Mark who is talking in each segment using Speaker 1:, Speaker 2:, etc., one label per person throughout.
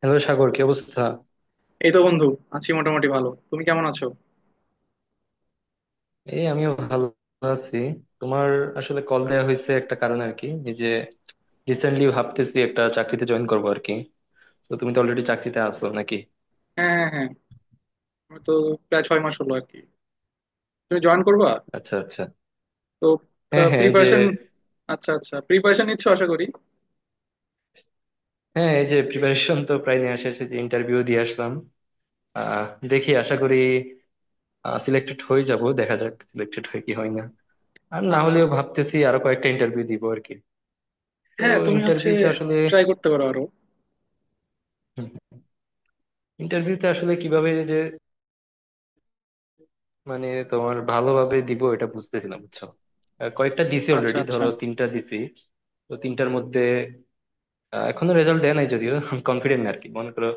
Speaker 1: Hello Sagar, কি অবস্থা?
Speaker 2: এই তো বন্ধু, আছি মোটামুটি ভালো। তুমি কেমন আছো?
Speaker 1: এই আমিও ভালো আছি। তোমার? আসলে কল দেওয়া হয়েছে একটা কারণে আর কি, এই যে রিসেন্টলি ভাবতেছি একটা চাকরিতে জয়েন করবো আর কি। তো তুমি তো অলরেডি চাকরিতে আছো নাকি?
Speaker 2: হ্যাঁ, হ্যাঁ, হ্যাঁ, আমি তো প্রায় 6 মাস হলো আর কি। তুমি জয়েন করবা?
Speaker 1: আচ্ছা আচ্ছা।
Speaker 2: তো
Speaker 1: হ্যাঁ হ্যাঁ, এই যে,
Speaker 2: প্রিপারেশন, আচ্ছা আচ্ছা, প্রিপারেশন নিচ্ছ আশা করি।
Speaker 1: হ্যাঁ এই যে প্রিপারেশন তো প্রায় নেওয়া শেষ, এই যে ইন্টারভিউ দিয়ে আসলাম। আহ দেখি আশা করি সিলেক্টেড হয়ে যাব, দেখা যাক সিলেক্টেড হয় কি হয় না। আর না
Speaker 2: আচ্ছা,
Speaker 1: হলেও ভাবতেছি আরো কয়েকটা ইন্টারভিউ দিব আর কি। তো
Speaker 2: হ্যাঁ, তুমি হচ্ছে
Speaker 1: ইন্টারভিউতে আসলে
Speaker 2: ট্রাই করতে পারো আরো।
Speaker 1: ইন্টারভিউতে আসলে কিভাবে যে, মানে তোমার ভালোভাবে দিব এটা বুঝতেছিলাম, বুঝছো? কয়েকটা দিছি
Speaker 2: আচ্ছা
Speaker 1: অলরেডি,
Speaker 2: আচ্ছা,
Speaker 1: ধরো তিনটা দিছি। তো তিনটার মধ্যে এখনো রেজাল্ট দেয় নাই যদিও কনফিডেন্ট না আরকি, মনে করো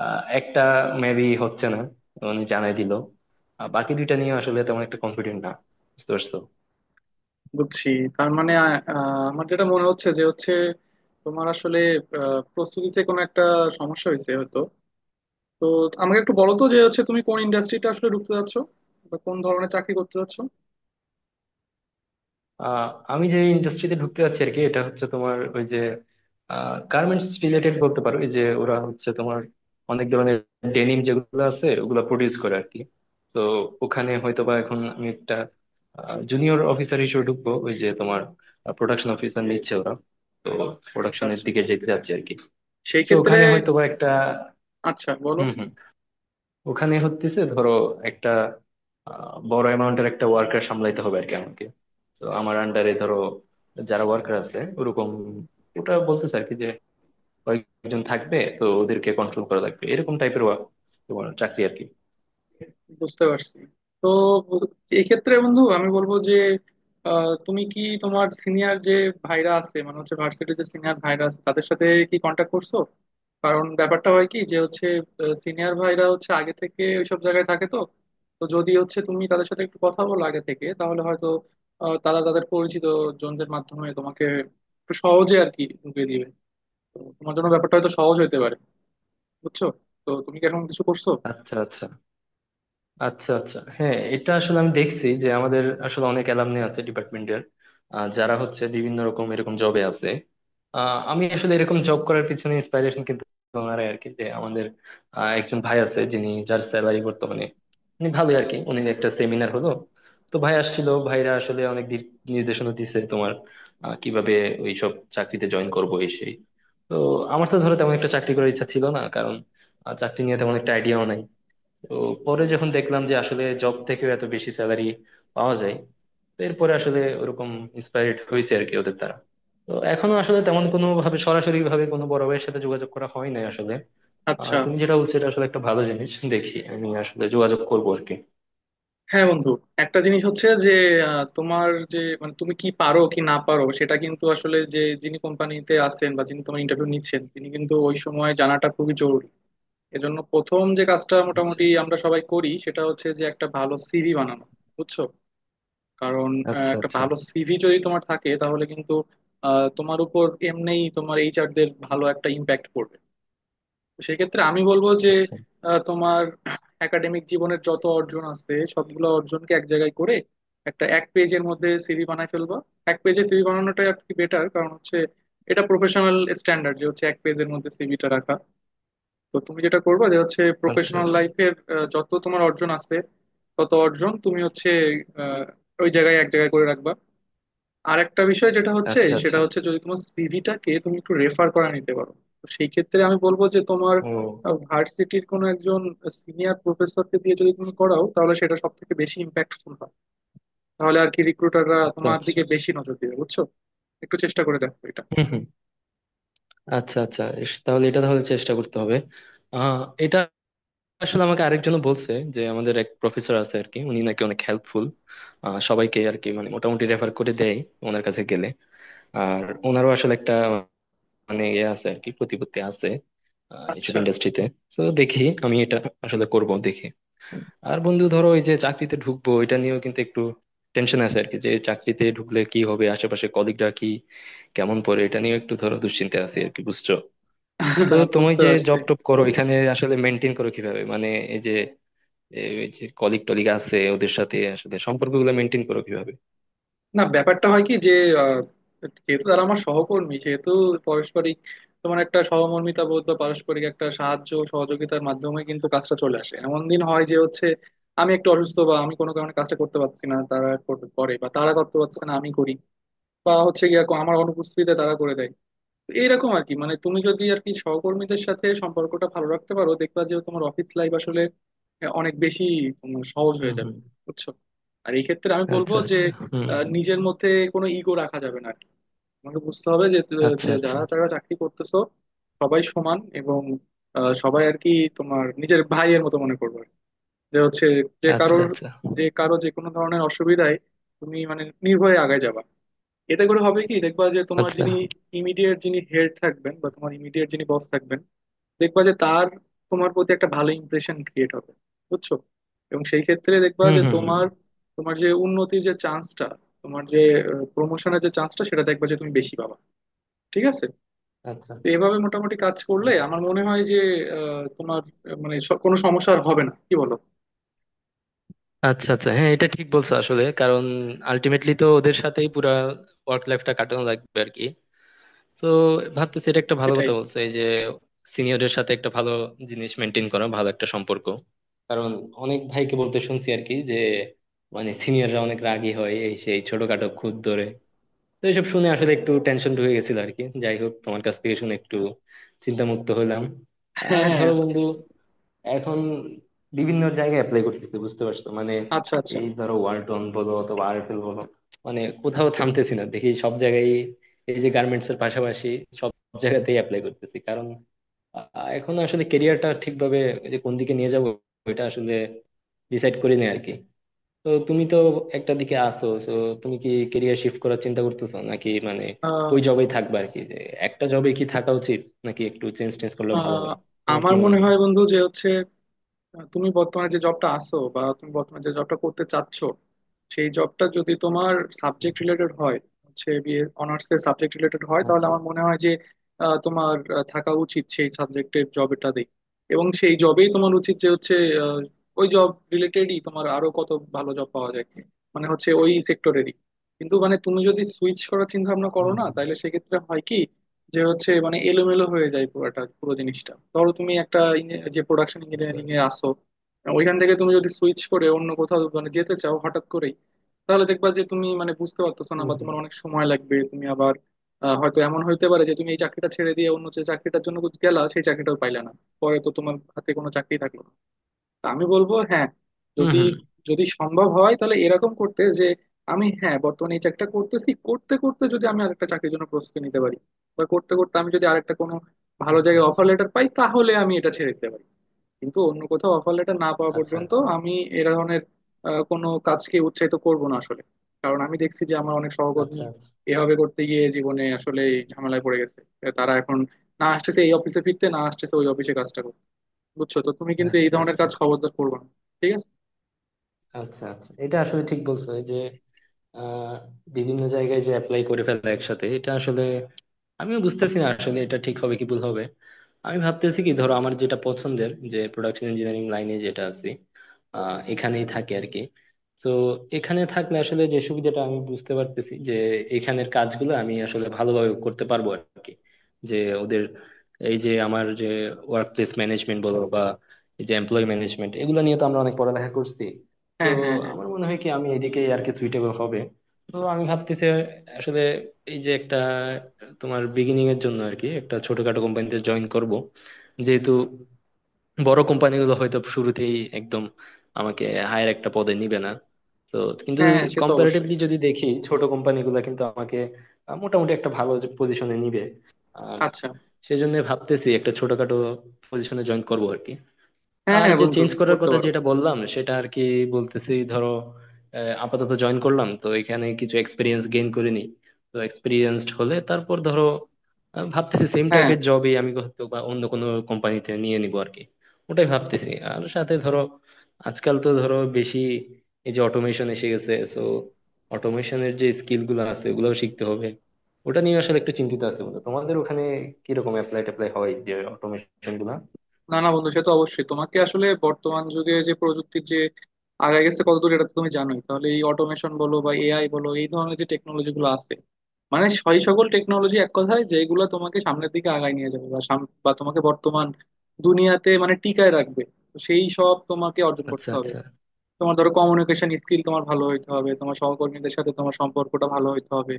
Speaker 1: একটা মেবি হচ্ছে না, মানে জানাই দিল। আর বাকি দুইটা নিয়ে আসলে তেমন একটা কনফিডেন্ট না, বুঝতে পারছো?
Speaker 2: বুঝছি। তার মানে আমার যেটা মনে হচ্ছে যে হচ্ছে তোমার আসলে প্রস্তুতিতে কোনো একটা সমস্যা হয়েছে হয়তো। তো আমাকে একটু বলো তো যে হচ্ছে তুমি কোন ইন্ডাস্ট্রিটা আসলে ঢুকতে যাচ্ছ বা কোন ধরনের চাকরি করতে যাচ্ছ?
Speaker 1: আহ আমি যে ইন্ডাস্ট্রিতে ঢুকতে যাচ্ছি আর কি, এটা হচ্ছে তোমার ওই যে গার্মেন্টস রিলেটেড বলতে পারো। এই যে ওরা হচ্ছে তোমার অনেক ধরনের ডেনিম যেগুলো আছে ওগুলো প্রডিউস করে আর কি। তো ওখানে হয়তোবা এখন আমি একটা জুনিয়র অফিসার হিসেবে ঢুকবো, ওই যে তোমার প্রোডাকশন অফিসার নিচ্ছে ওরা। তো
Speaker 2: আচ্ছা
Speaker 1: প্রোডাকশনের
Speaker 2: আচ্ছা,
Speaker 1: দিকে যেতে যাচ্ছে আর কি।
Speaker 2: সেই
Speaker 1: তো
Speaker 2: ক্ষেত্রে
Speaker 1: ওখানে হয়তোবা একটা,
Speaker 2: আচ্ছা বলো,
Speaker 1: হম ওখানে হতেছে ধরো একটা বড় অ্যামাউন্টের একটা ওয়ার্কার সামলাইতে হবে আর কি আমাকে। তো আমার আন্ডারে ধরো যারা ওয়ার্কার আছে ওরকম, ওটা বলতেছে আর কি, যে কয়েকজন থাকবে, তো ওদেরকে কন্ট্রোল করা লাগবে এরকম টাইপের তোমার চাকরি আর কি।
Speaker 2: বুঝতে পারছি। তো এক্ষেত্রে বন্ধু আমি বলবো যে তুমি কি তোমার সিনিয়র যে ভাইরা আছে, মানে হচ্ছে ভার্সিটির যে সিনিয়র ভাইরা আছে তাদের সাথে কি কন্ট্যাক্ট করছো? কারণ ব্যাপারটা হয় কি যে হচ্ছে সিনিয়র ভাইরা হচ্ছে আগে থেকে ওইসব জায়গায় থাকে। তো তো যদি হচ্ছে তুমি তাদের সাথে একটু কথা বলো আগে থেকে, তাহলে হয়তো তারা তাদের পরিচিত জনদের মাধ্যমে তোমাকে একটু সহজে আর কি ঢুকিয়ে দিবে। তো তোমার জন্য ব্যাপারটা হয়তো সহজ হতে পারে, বুঝছো? তো তুমি কি এখন কিছু করছো?
Speaker 1: আচ্ছা আচ্ছা। আচ্ছা আচ্ছা হ্যাঁ, এটা আসলে আমি দেখছি যে আমাদের আসলে অনেক অ্যালামনি আছে ডিপার্টমেন্টের, যারা হচ্ছে বিভিন্ন রকম এরকম জবে আছে। আমি আসলে এরকম জব করার পিছনে ইন্সপাইরেশন কিন্তু ওনারাই আর কি, যে আমাদের একজন ভাই আছে যিনি, যার স্যালারি বর্তমানে উনি ভালোই আর কি। উনি একটা সেমিনার হলো তো ভাই আসছিল, ভাইরা আসলে অনেক দিক নির্দেশনা দিছে তোমার, কিভাবে ওইসব চাকরিতে জয়েন করবো এই সেই। তো আমার তো ধরো তেমন একটা চাকরি করার ইচ্ছা ছিল না, কারণ চাকরি নিয়ে তেমন একটা আইডিয়াও নাই। তো পরে যখন দেখলাম যে আসলে জব থেকেও এত বেশি স্যালারি পাওয়া যায়, তো এরপরে আসলে ওরকম ইন্সপায়ার্ড হয়েছে আর কি ওদের দ্বারা। তো এখনো আসলে তেমন কোনো ভাবে, সরাসরি ভাবে কোনো বড় ভাইয়ের সাথে যোগাযোগ করা হয় নাই আসলে।
Speaker 2: আচ্ছা,
Speaker 1: তুমি যেটা বলছো এটা আসলে একটা ভালো জিনিস, দেখি আমি আসলে যোগাযোগ করবো আর কি।
Speaker 2: হ্যাঁ বন্ধু, একটা জিনিস হচ্ছে যে তোমার যে মানে তুমি কি পারো কি না পারো সেটা কিন্তু আসলে যে যিনি কোম্পানিতে আছেন বা যিনি তোমার ইন্টারভিউ নিচ্ছেন তিনি কিন্তু ওই সময় জানাটা খুবই জরুরি। এজন্য প্রথম যে কাজটা
Speaker 1: আচ্ছা
Speaker 2: মোটামুটি আমরা সবাই করি সেটা হচ্ছে যে একটা ভালো সিভি বানানো, বুঝছো? কারণ
Speaker 1: আচ্ছা।
Speaker 2: একটা
Speaker 1: আচ্ছা
Speaker 2: ভালো সিভি যদি তোমার থাকে তাহলে কিন্তু তোমার উপর এমনিই তোমার এইচআর দের ভালো একটা ইম্প্যাক্ট পড়বে। সেক্ষেত্রে আমি বলবো যে
Speaker 1: আচ্ছা।
Speaker 2: তোমার একাডেমিক জীবনের যত অর্জন আছে সবগুলো অর্জনকে এক জায়গায় করে একটা এক পেজের মধ্যে সিভি বানায় ফেলবা। এক পেজে সিভি বানানোটাই আর কি বেটার, কারণ হচ্ছে এটা প্রফেশনাল স্ট্যান্ডার্ড যে হচ্ছে এক পেজের মধ্যে সিভিটা রাখা। তো তুমি যেটা করবা যে হচ্ছে
Speaker 1: আচ্ছা
Speaker 2: প্রফেশনাল
Speaker 1: আচ্ছা।
Speaker 2: লাইফের যত তোমার অর্জন আছে তত অর্জন তুমি হচ্ছে আহ, ওই জায়গায় এক জায়গায় করে রাখবা। আর একটা বিষয় যেটা হচ্ছে
Speaker 1: আচ্ছা
Speaker 2: সেটা
Speaker 1: আচ্ছা।
Speaker 2: হচ্ছে যদি তোমার সিভিটাকে তুমি একটু রেফার করে নিতে পারো, তো সেই ক্ষেত্রে আমি বলবো যে তোমার
Speaker 1: ও
Speaker 2: ভার্সিটির কোনো একজন সিনিয়র প্রফেসরকে দিয়ে যদি তুমি করাও তাহলে সেটা সব থেকে বেশি ইম্প্যাক্টফুল হয়। তাহলে আর কি রিক্রুটাররা
Speaker 1: আচ্ছা
Speaker 2: তোমার
Speaker 1: আচ্ছা।
Speaker 2: দিকে বেশি নজর দিবে, বুঝছো? একটু চেষ্টা করে দেখো এটা।
Speaker 1: হম হম। আচ্ছা আচ্ছা ইস, তাহলে এটা তাহলে চেষ্টা করতে হবে। আহ এটা আসলে আমাকে আরেকজন বলছে যে আমাদের এক প্রফেসর আছে আর কি, উনি নাকি অনেক হেল্পফুল, সবাইকে আর কি মানে মোটামুটি রেফার করে দেয় ওনার কাছে গেলে। আর ওনারও আসলে একটা, মানে ইয়ে আছে আর কি, প্রতিপত্তি আছে এইসব
Speaker 2: আচ্ছা।
Speaker 1: ইন্ডাস্ট্রিতে। তো দেখি আমি এটা আসলে করব, দেখি। আর বন্ধু ধরো ওই যে চাকরিতে ঢুকবো এটা নিয়েও কিন্তু একটু টেনশন আছে আর কি, যে চাকরিতে ঢুকলে কি হবে, আশেপাশে কলিগরা কি কেমন পড়ে, এটা নিয়ে একটু ধরো দুশ্চিন্তা আছে আর কি, বুঝছো? তো তুমি
Speaker 2: বুঝতে
Speaker 1: যে
Speaker 2: পারছি।
Speaker 1: জব টপ করো এখানে আসলে মেনটেন করো কিভাবে, মানে যে ওই যে কলিগ টলিগ আছে ওদের সাথে আসলে সম্পর্কগুলো মেনটেন করো কিভাবে?
Speaker 2: না, ব্যাপারটা হয় কি যে আহ, যেহেতু তারা আমার সহকর্মী সেহেতু পারস্পরিক তোমার একটা সহমর্মিতা বোধ বা পারস্পরিক একটা সাহায্য ও সহযোগিতার মাধ্যমে কিন্তু কাজটা চলে আসে। এমন দিন হয় যে হচ্ছে আমি একটু অসুস্থ বা আমি কোনো কারণে কাজটা করতে পারছি না, তারা করে, বা তারা করতে পারছে না আমি করি, বা হচ্ছে গিয়ে আমার অনুপস্থিতিতে তারা করে দেয়। তো এইরকম আর কি, মানে তুমি যদি আর কি সহকর্মীদের সাথে সম্পর্কটা ভালো রাখতে পারো, দেখবা যে তোমার অফিস লাইফ আসলে অনেক বেশি তোমার সহজ হয়ে
Speaker 1: হুম
Speaker 2: যাবে,
Speaker 1: হুম।
Speaker 2: বুঝছো? আর এই ক্ষেত্রে আমি বলবো
Speaker 1: আচ্ছা
Speaker 2: যে
Speaker 1: আচ্ছা হুম।
Speaker 2: নিজের মধ্যে কোনো ইগো রাখা যাবে না আর কি। তোমাকে বুঝতে হবে যে
Speaker 1: আচ্ছা
Speaker 2: যে
Speaker 1: আচ্ছা।
Speaker 2: যারা যারা চাকরি করতেছো সবাই সমান, এবং সবাই আর কি তোমার নিজের ভাইয়ের মতো মনে করবে আর কি। যে হচ্ছে যে
Speaker 1: আচ্ছা
Speaker 2: কারোর,
Speaker 1: আচ্ছা।
Speaker 2: যে কারো যে কোনো ধরনের অসুবিধায় তুমি মানে নির্ভয়ে আগায় যাবা। এতে করে হবে কি, দেখবা যে তোমার
Speaker 1: আচ্ছা
Speaker 2: যিনি ইমিডিয়েট যিনি হেড থাকবেন বা তোমার ইমিডিয়েট যিনি বস থাকবেন, দেখবা যে তার তোমার প্রতি একটা ভালো ইমপ্রেশন ক্রিয়েট হবে, বুঝছো? এবং সেই ক্ষেত্রে দেখবা
Speaker 1: হুম
Speaker 2: যে
Speaker 1: হুম হুম।
Speaker 2: তোমার তোমার যে উন্নতির যে চান্সটা, তোমার যে প্রমোশনের যে চান্সটা সেটা দেখবা যে তুমি বেশি পাবা। ঠিক আছে?
Speaker 1: আচ্ছা
Speaker 2: তো
Speaker 1: আচ্ছা
Speaker 2: এভাবে মোটামুটি কাজ
Speaker 1: হুম।
Speaker 2: করলে আমার মনে হয় যে তোমার মানে কোনো সমস্যা আর হবে না, কি বলো?
Speaker 1: আচ্ছা আচ্ছা হ্যাঁ, এটা ঠিক বলছো আসলে, কারণ আলটিমেটলি তো ওদের সাথেই পুরা ওয়ার্ক লাইফটা কাটানো লাগবে আর কি। তো ভাবতেছি এটা একটা ভালো
Speaker 2: এটাই।
Speaker 1: কথা বলছে, এই যে সিনিয়রের সাথে একটা ভালো জিনিস মেনটেন করা, ভালো একটা সম্পর্ক। কারণ অনেক ভাইকে বলতে শুনছি আর কি যে, মানে সিনিয়ররা অনেক রাগী হয়, এই সেই, ছোটখাটো খুঁত ধরে। তো এইসব শুনে আসলে একটু টেনশন ঢুকে গেছিল আর কি। যাই হোক, তোমার কাছ থেকে শুনে একটু চিন্তামুক্ত হলাম। আর
Speaker 2: হ্যাঁ।
Speaker 1: ধরো বন্ধু এখন বিভিন্ন জায়গায় অ্যাপ্লাই করতেছি, বুঝতে পারছো মানে,
Speaker 2: আচ্ছা আচ্ছা।
Speaker 1: এই ধরো ওয়ালটন বলো অথবা আরএফএল বলো, মানে কোথাও থামতেছি না, দেখি সব জায়গায়, এই যে গার্মেন্টস এর পাশাপাশি সব জায়গাতেই অ্যাপ্লাই করতেছি। কারণ এখন আসলে কেরিয়ারটা ঠিকভাবে এই যে কোন দিকে নিয়ে যাবো এটা আসলে ডিসাইড করি না আর কি। তো তুমি তো একটা দিকে আছো, তো তুমি কি কেরিয়ার শিফট করার চিন্তা করতেছো নাকি, মানে
Speaker 2: আহ,
Speaker 1: ওই জবেই থাকবে আর কি, যে একটা জবে কি থাকা উচিত নাকি একটু চেঞ্জ টেঞ্জ করলে ভালো
Speaker 2: আহ,
Speaker 1: হয়, তোমার কি
Speaker 2: আমার মনে
Speaker 1: মনে হয়?
Speaker 2: হয় বন্ধু যে হচ্ছে তুমি বর্তমানে যে জবটা আছো বা তুমি বর্তমানে যে জবটা করতে চাচ্ছ, সেই জবটা যদি তোমার সাবজেক্ট রিলেটেড হয়, হচ্ছে বিএ অনার্স এর সাবজেক্ট রিলেটেড হয়, তাহলে
Speaker 1: আচ্ছা
Speaker 2: আমার মনে হয় যে তোমার থাকা উচিত সেই সাবজেক্টের জবটাতেই। এবং সেই জবেই তোমার উচিত যে হচ্ছে আহ, ওই জব রিলেটেডই তোমার আরো কত ভালো জব পাওয়া যায়, মানে হচ্ছে ওই সেক্টরেরই। কিন্তু মানে তুমি যদি সুইচ করার চিন্তা ভাবনা করো
Speaker 1: হুম
Speaker 2: না,
Speaker 1: হুম।
Speaker 2: তাহলে সেক্ষেত্রে হয় কি যে হচ্ছে মানে এলোমেলো হয়ে যায় পুরোটা পুরো জিনিসটা। ধরো তুমি একটা যে প্রোডাকশন
Speaker 1: আচ্ছা
Speaker 2: ইঞ্জিনিয়ারিং এ
Speaker 1: আচ্ছা
Speaker 2: আসো, ওইখান থেকে তুমি যদি সুইচ করে অন্য কোথাও মানে যেতে চাও হঠাৎ করেই, তাহলে দেখবা যে তুমি মানে বুঝতে পারতেছো না
Speaker 1: হুম
Speaker 2: বা
Speaker 1: হুম
Speaker 2: তোমার অনেক সময় লাগবে তুমি আবার হয়তো এমন হইতে পারে যে তুমি এই চাকরিটা ছেড়ে দিয়ে অন্য যে চাকরিটার জন্য গেলা সেই চাকরিটাও পাইলা না, পরে তো তোমার হাতে কোনো চাকরি থাকলো না। তো আমি বলবো, হ্যাঁ,
Speaker 1: হুম
Speaker 2: যদি
Speaker 1: হুম।
Speaker 2: যদি সম্ভব হয় তাহলে এরকম করতে, যে আমি হ্যাঁ বর্তমানে এই চাকরিটা করতেছি, করতে করতে যদি আমি আরেকটা চাকরির জন্য প্রস্তুতি নিতে পারি বা করতে করতে আমি যদি আরেকটা কোনো ভালো
Speaker 1: আচ্ছা
Speaker 2: জায়গায়
Speaker 1: আচ্ছা।
Speaker 2: অফার লেটার পাই তাহলে আমি এটা ছেড়ে দিতে পারি। কিন্তু অন্য কোথাও অফার লেটার না পাওয়া
Speaker 1: আচ্ছা
Speaker 2: পর্যন্ত আমি এ ধরনের কোনো কাজকে উৎসাহিত করব না আসলে। কারণ আমি দেখছি যে আমার অনেক সহকর্মী
Speaker 1: আচ্ছা।
Speaker 2: এভাবে করতে গিয়ে জীবনে আসলে ঝামেলায় পড়ে গেছে। তারা এখন না আসতেছে এই অফিসে ফিরতে, না আসতেছে ওই অফিসে কাজটা করতে। বুঝছো? তো তুমি কিন্তু এই
Speaker 1: আচ্ছা
Speaker 2: ধরনের
Speaker 1: আচ্ছা।
Speaker 2: কাজ খবরদার করবে না, ঠিক আছে?
Speaker 1: আচ্ছা আচ্ছা এটা আসলে ঠিক বলছো, এই যে আহ বিভিন্ন জায়গায় যে অ্যাপ্লাই করে ফেলে একসাথে এটা আসলে আমিও বুঝতেছি না আসলে এটা ঠিক হবে কি ভুল হবে। আমি ভাবতেছি কি, ধরো আমার যেটা পছন্দের যে প্রোডাকশন ইঞ্জিনিয়ারিং লাইনে যেটা আছি এখানেই থাকি আর কি। তো এখানে থাকলে আসলে যে সুবিধাটা আমি বুঝতে পারতেছি যে এখানের কাজগুলো আমি আসলে ভালোভাবে করতে পারবো আর কি। যে ওদের এই যে আমার যে ওয়ার্ক প্লেস ম্যানেজমেন্ট বলো বা এই যে এমপ্লয় ম্যানেজমেন্ট, এগুলো নিয়ে তো আমরা অনেক পড়ালেখা করছি। তো
Speaker 2: হ্যাঁ, হ্যাঁ, হ্যাঁ।
Speaker 1: আমার মনে হয় কি আমি এদিকে আর কি সুইটেবল হবে। তো আমি ভাবতেছি আসলে এই যে একটা তোমার বিগিনিং এর জন্য আর কি একটা ছোটখাটো কোম্পানিতে জয়েন করব, যেহেতু বড় কোম্পানিগুলো হয়তো শুরুতেই একদম আমাকে হায়ার একটা পদে নিবে না। তো কিন্তু
Speaker 2: হ্যাঁ হ্যাঁ, সে তো অবশ্যই।
Speaker 1: কম্পারেটিভলি যদি দেখি ছোট কোম্পানিগুলো কিন্তু আমাকে মোটামুটি একটা ভালো পজিশনে নিবে। আর
Speaker 2: আচ্ছা,
Speaker 1: সেজন্য ভাবতেছি একটা ছোটখাটো পজিশনে জয়েন করব আর কি।
Speaker 2: হ্যাঁ
Speaker 1: আর
Speaker 2: হ্যাঁ
Speaker 1: যে
Speaker 2: বন্ধু,
Speaker 1: চেঞ্জ করার
Speaker 2: করতে
Speaker 1: কথা
Speaker 2: পারো।
Speaker 1: যেটা বললাম সেটা আর কি, বলতেছি ধরো আপাতত জয়েন করলাম তো এখানে কিছু এক্সপিরিয়েন্স গেইন করে নিই। তো এক্সপিরিয়েন্সড হলে তারপর ধরো ভাবতেছি সেম
Speaker 2: হ্যাঁ,
Speaker 1: টাইপের জবই আমি হয়তো বা অন্য কোনো কোম্পানিতে নিয়ে নিবো আর কি। ওটাই ভাবতেছি। আর সাথে ধরো আজকাল তো ধরো বেশি এই যে অটোমেশন এসে গেছে, সো অটোমেশনের যে স্কিল গুলো আছে ওগুলোও শিখতে হবে। ওটা নিয়ে আসলে একটু চিন্তিত আছে, বলে তোমাদের ওখানে কিরকম অ্যাপ্লাই ট্যাপ্লাই হয় যে অটোমেশন গুলা?
Speaker 2: না না বন্ধু, সে তো অবশ্যই তোমাকে আসলে বর্তমান যুগে যে প্রযুক্তির যে আগায় গেছে কতদূর এটা তো তুমি জানোই। তাহলে এই অটোমেশন বলো বা এআই বলো, এই ধরনের যে টেকনোলজি গুলো আছে, মানে সেই সকল টেকনোলজি এক কথায় যেগুলো তোমাকে সামনের দিকে আগায় নিয়ে যাবে বা বা তোমাকে বর্তমান দুনিয়াতে মানে টিকায় রাখবে, তো সেই সব তোমাকে অর্জন
Speaker 1: আচ্ছা
Speaker 2: করতে হবে।
Speaker 1: আচ্ছা।
Speaker 2: তোমার ধরো কমিউনিকেশন স্কিল তোমার ভালো হইতে হবে, তোমার সহকর্মীদের সাথে তোমার সম্পর্কটা ভালো হইতে হবে,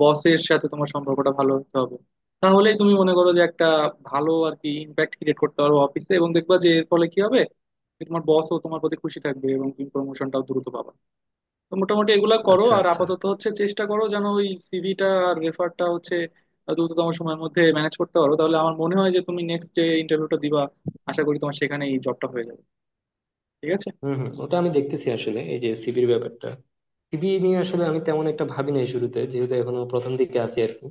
Speaker 2: বসের সাথে তোমার সম্পর্কটা ভালো হইতে হবে। তাহলেই তুমি মনে করো যে একটা ভালো আর কি ইম্প্যাক্ট ক্রিয়েট করতে পারো অফিসে, এবং দেখবা যে এর ফলে কি হবে, যে তোমার বসও তোমার প্রতি খুশি থাকবে এবং তুমি প্রমোশনটাও দ্রুত পাবা। তো মোটামুটি এগুলা করো,
Speaker 1: আচ্ছা
Speaker 2: আর
Speaker 1: আচ্ছা।
Speaker 2: আপাতত হচ্ছে চেষ্টা করো যেন ওই সিভিটা আর রেফারটা হচ্ছে দ্রুততম সময়ের মধ্যে ম্যানেজ করতে পারো, তাহলে আমার মনে হয় যে তুমি নেক্সট যে ইন্টারভিউটা দিবা, আশা করি তোমার সেখানেই জবটা হয়ে যাবে। ঠিক আছে?
Speaker 1: হম হম, ওটা আমি দেখতেছি আসলে এই যে সিভির ব্যাপারটা, বিয়ে নিয়ে আসলে আমি তেমন একটা ভাবি নাই শুরুতে, যেহেতু এখনো প্রথম দিকে আছি আর কি।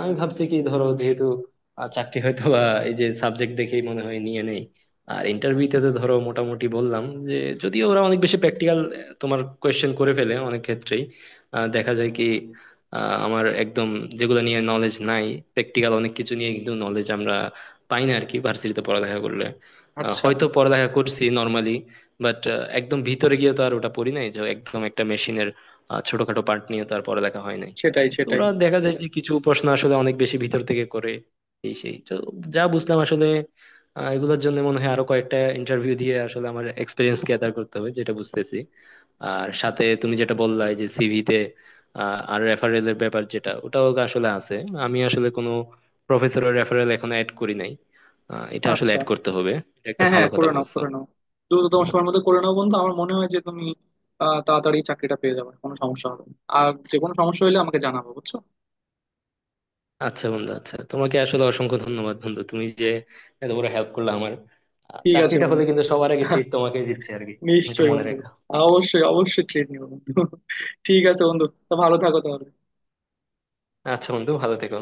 Speaker 1: আমি ভাবছি কি ধরো যেহেতু চাকরি হয়তো বা এই যে সাবজেক্ট দেখেই মনে হয় নিয়ে নেই। আর ইন্টারভিউতে তো ধরো মোটামুটি বললাম যে, যদিও ওরা অনেক বেশি প্র্যাকটিক্যাল তোমার কোয়েশ্চেন করে ফেলে অনেক ক্ষেত্রেই, দেখা যায় কি আমার একদম যেগুলো নিয়ে নলেজ নাই, প্র্যাকটিক্যাল অনেক কিছু নিয়ে কিন্তু নলেজ আমরা পাই না আর কি ভার্সিটিতে পড়ালেখা করলে।
Speaker 2: আচ্ছা,
Speaker 1: হয়তো পড়ালেখা করছি নর্মালি, বাট একদম ভিতরে গিয়ে তো আর ওটা পড়ি নাই, যে একদম একটা মেশিনের ছোটখাটো পার্ট নিয়ে তার পড়ালেখা হয় নাই।
Speaker 2: সেটাই
Speaker 1: তো
Speaker 2: সেটাই।
Speaker 1: ওরা দেখা যায় যে কিছু প্রশ্ন আসলে অনেক বেশি ভিতর থেকে করে, এই সেই। তো যা বুঝলাম আসলে, এগুলোর জন্য মনে হয় আরো কয়েকটা ইন্টারভিউ দিয়ে আসলে আমার এক্সপিরিয়েন্স গ্যাদার করতে হবে, যেটা বুঝতেছি। আর সাথে তুমি যেটা বললা এই যে সিভিতে আর রেফারেল এর ব্যাপার যেটা, ওটাও আসলে আছে। আমি আসলে কোনো প্রফেসরের রেফারেল এখনো অ্যাড করি নাই, এটা আসলে
Speaker 2: আচ্ছা,
Speaker 1: অ্যাড করতে হবে, এটা একটা
Speaker 2: হ্যাঁ
Speaker 1: ভালো
Speaker 2: হ্যাঁ,
Speaker 1: কথা
Speaker 2: করে নাও
Speaker 1: বলছো।
Speaker 2: করে নাও, দ্রুত তোমার সময়ের মধ্যে করে নাও বন্ধু। আমার মনে হয় যে তুমি তাড়াতাড়ি চাকরিটা পেয়ে যাবে, কোনো সমস্যা হবে না। আর যে কোনো সমস্যা হলে আমাকে জানাবো, বুঝছো?
Speaker 1: আচ্ছা বন্ধু, আচ্ছা তোমাকে আসলে অসংখ্য ধন্যবাদ বন্ধু, তুমি যে এত বড় হেল্প করলে আমার।
Speaker 2: ঠিক আছে
Speaker 1: চাকরিটা হলে
Speaker 2: বন্ধু।
Speaker 1: কিন্তু সবার আগে ট্রিট তোমাকে দিচ্ছি আর কি, এটা
Speaker 2: নিশ্চয়ই
Speaker 1: মনে
Speaker 2: বন্ধু।
Speaker 1: রেখো।
Speaker 2: অবশ্যই অবশ্যই, ট্রেন নিবো বন্ধু। ঠিক আছে বন্ধু, তো ভালো থাকো তাহলে।
Speaker 1: আচ্ছা বন্ধু, ভালো থেকো।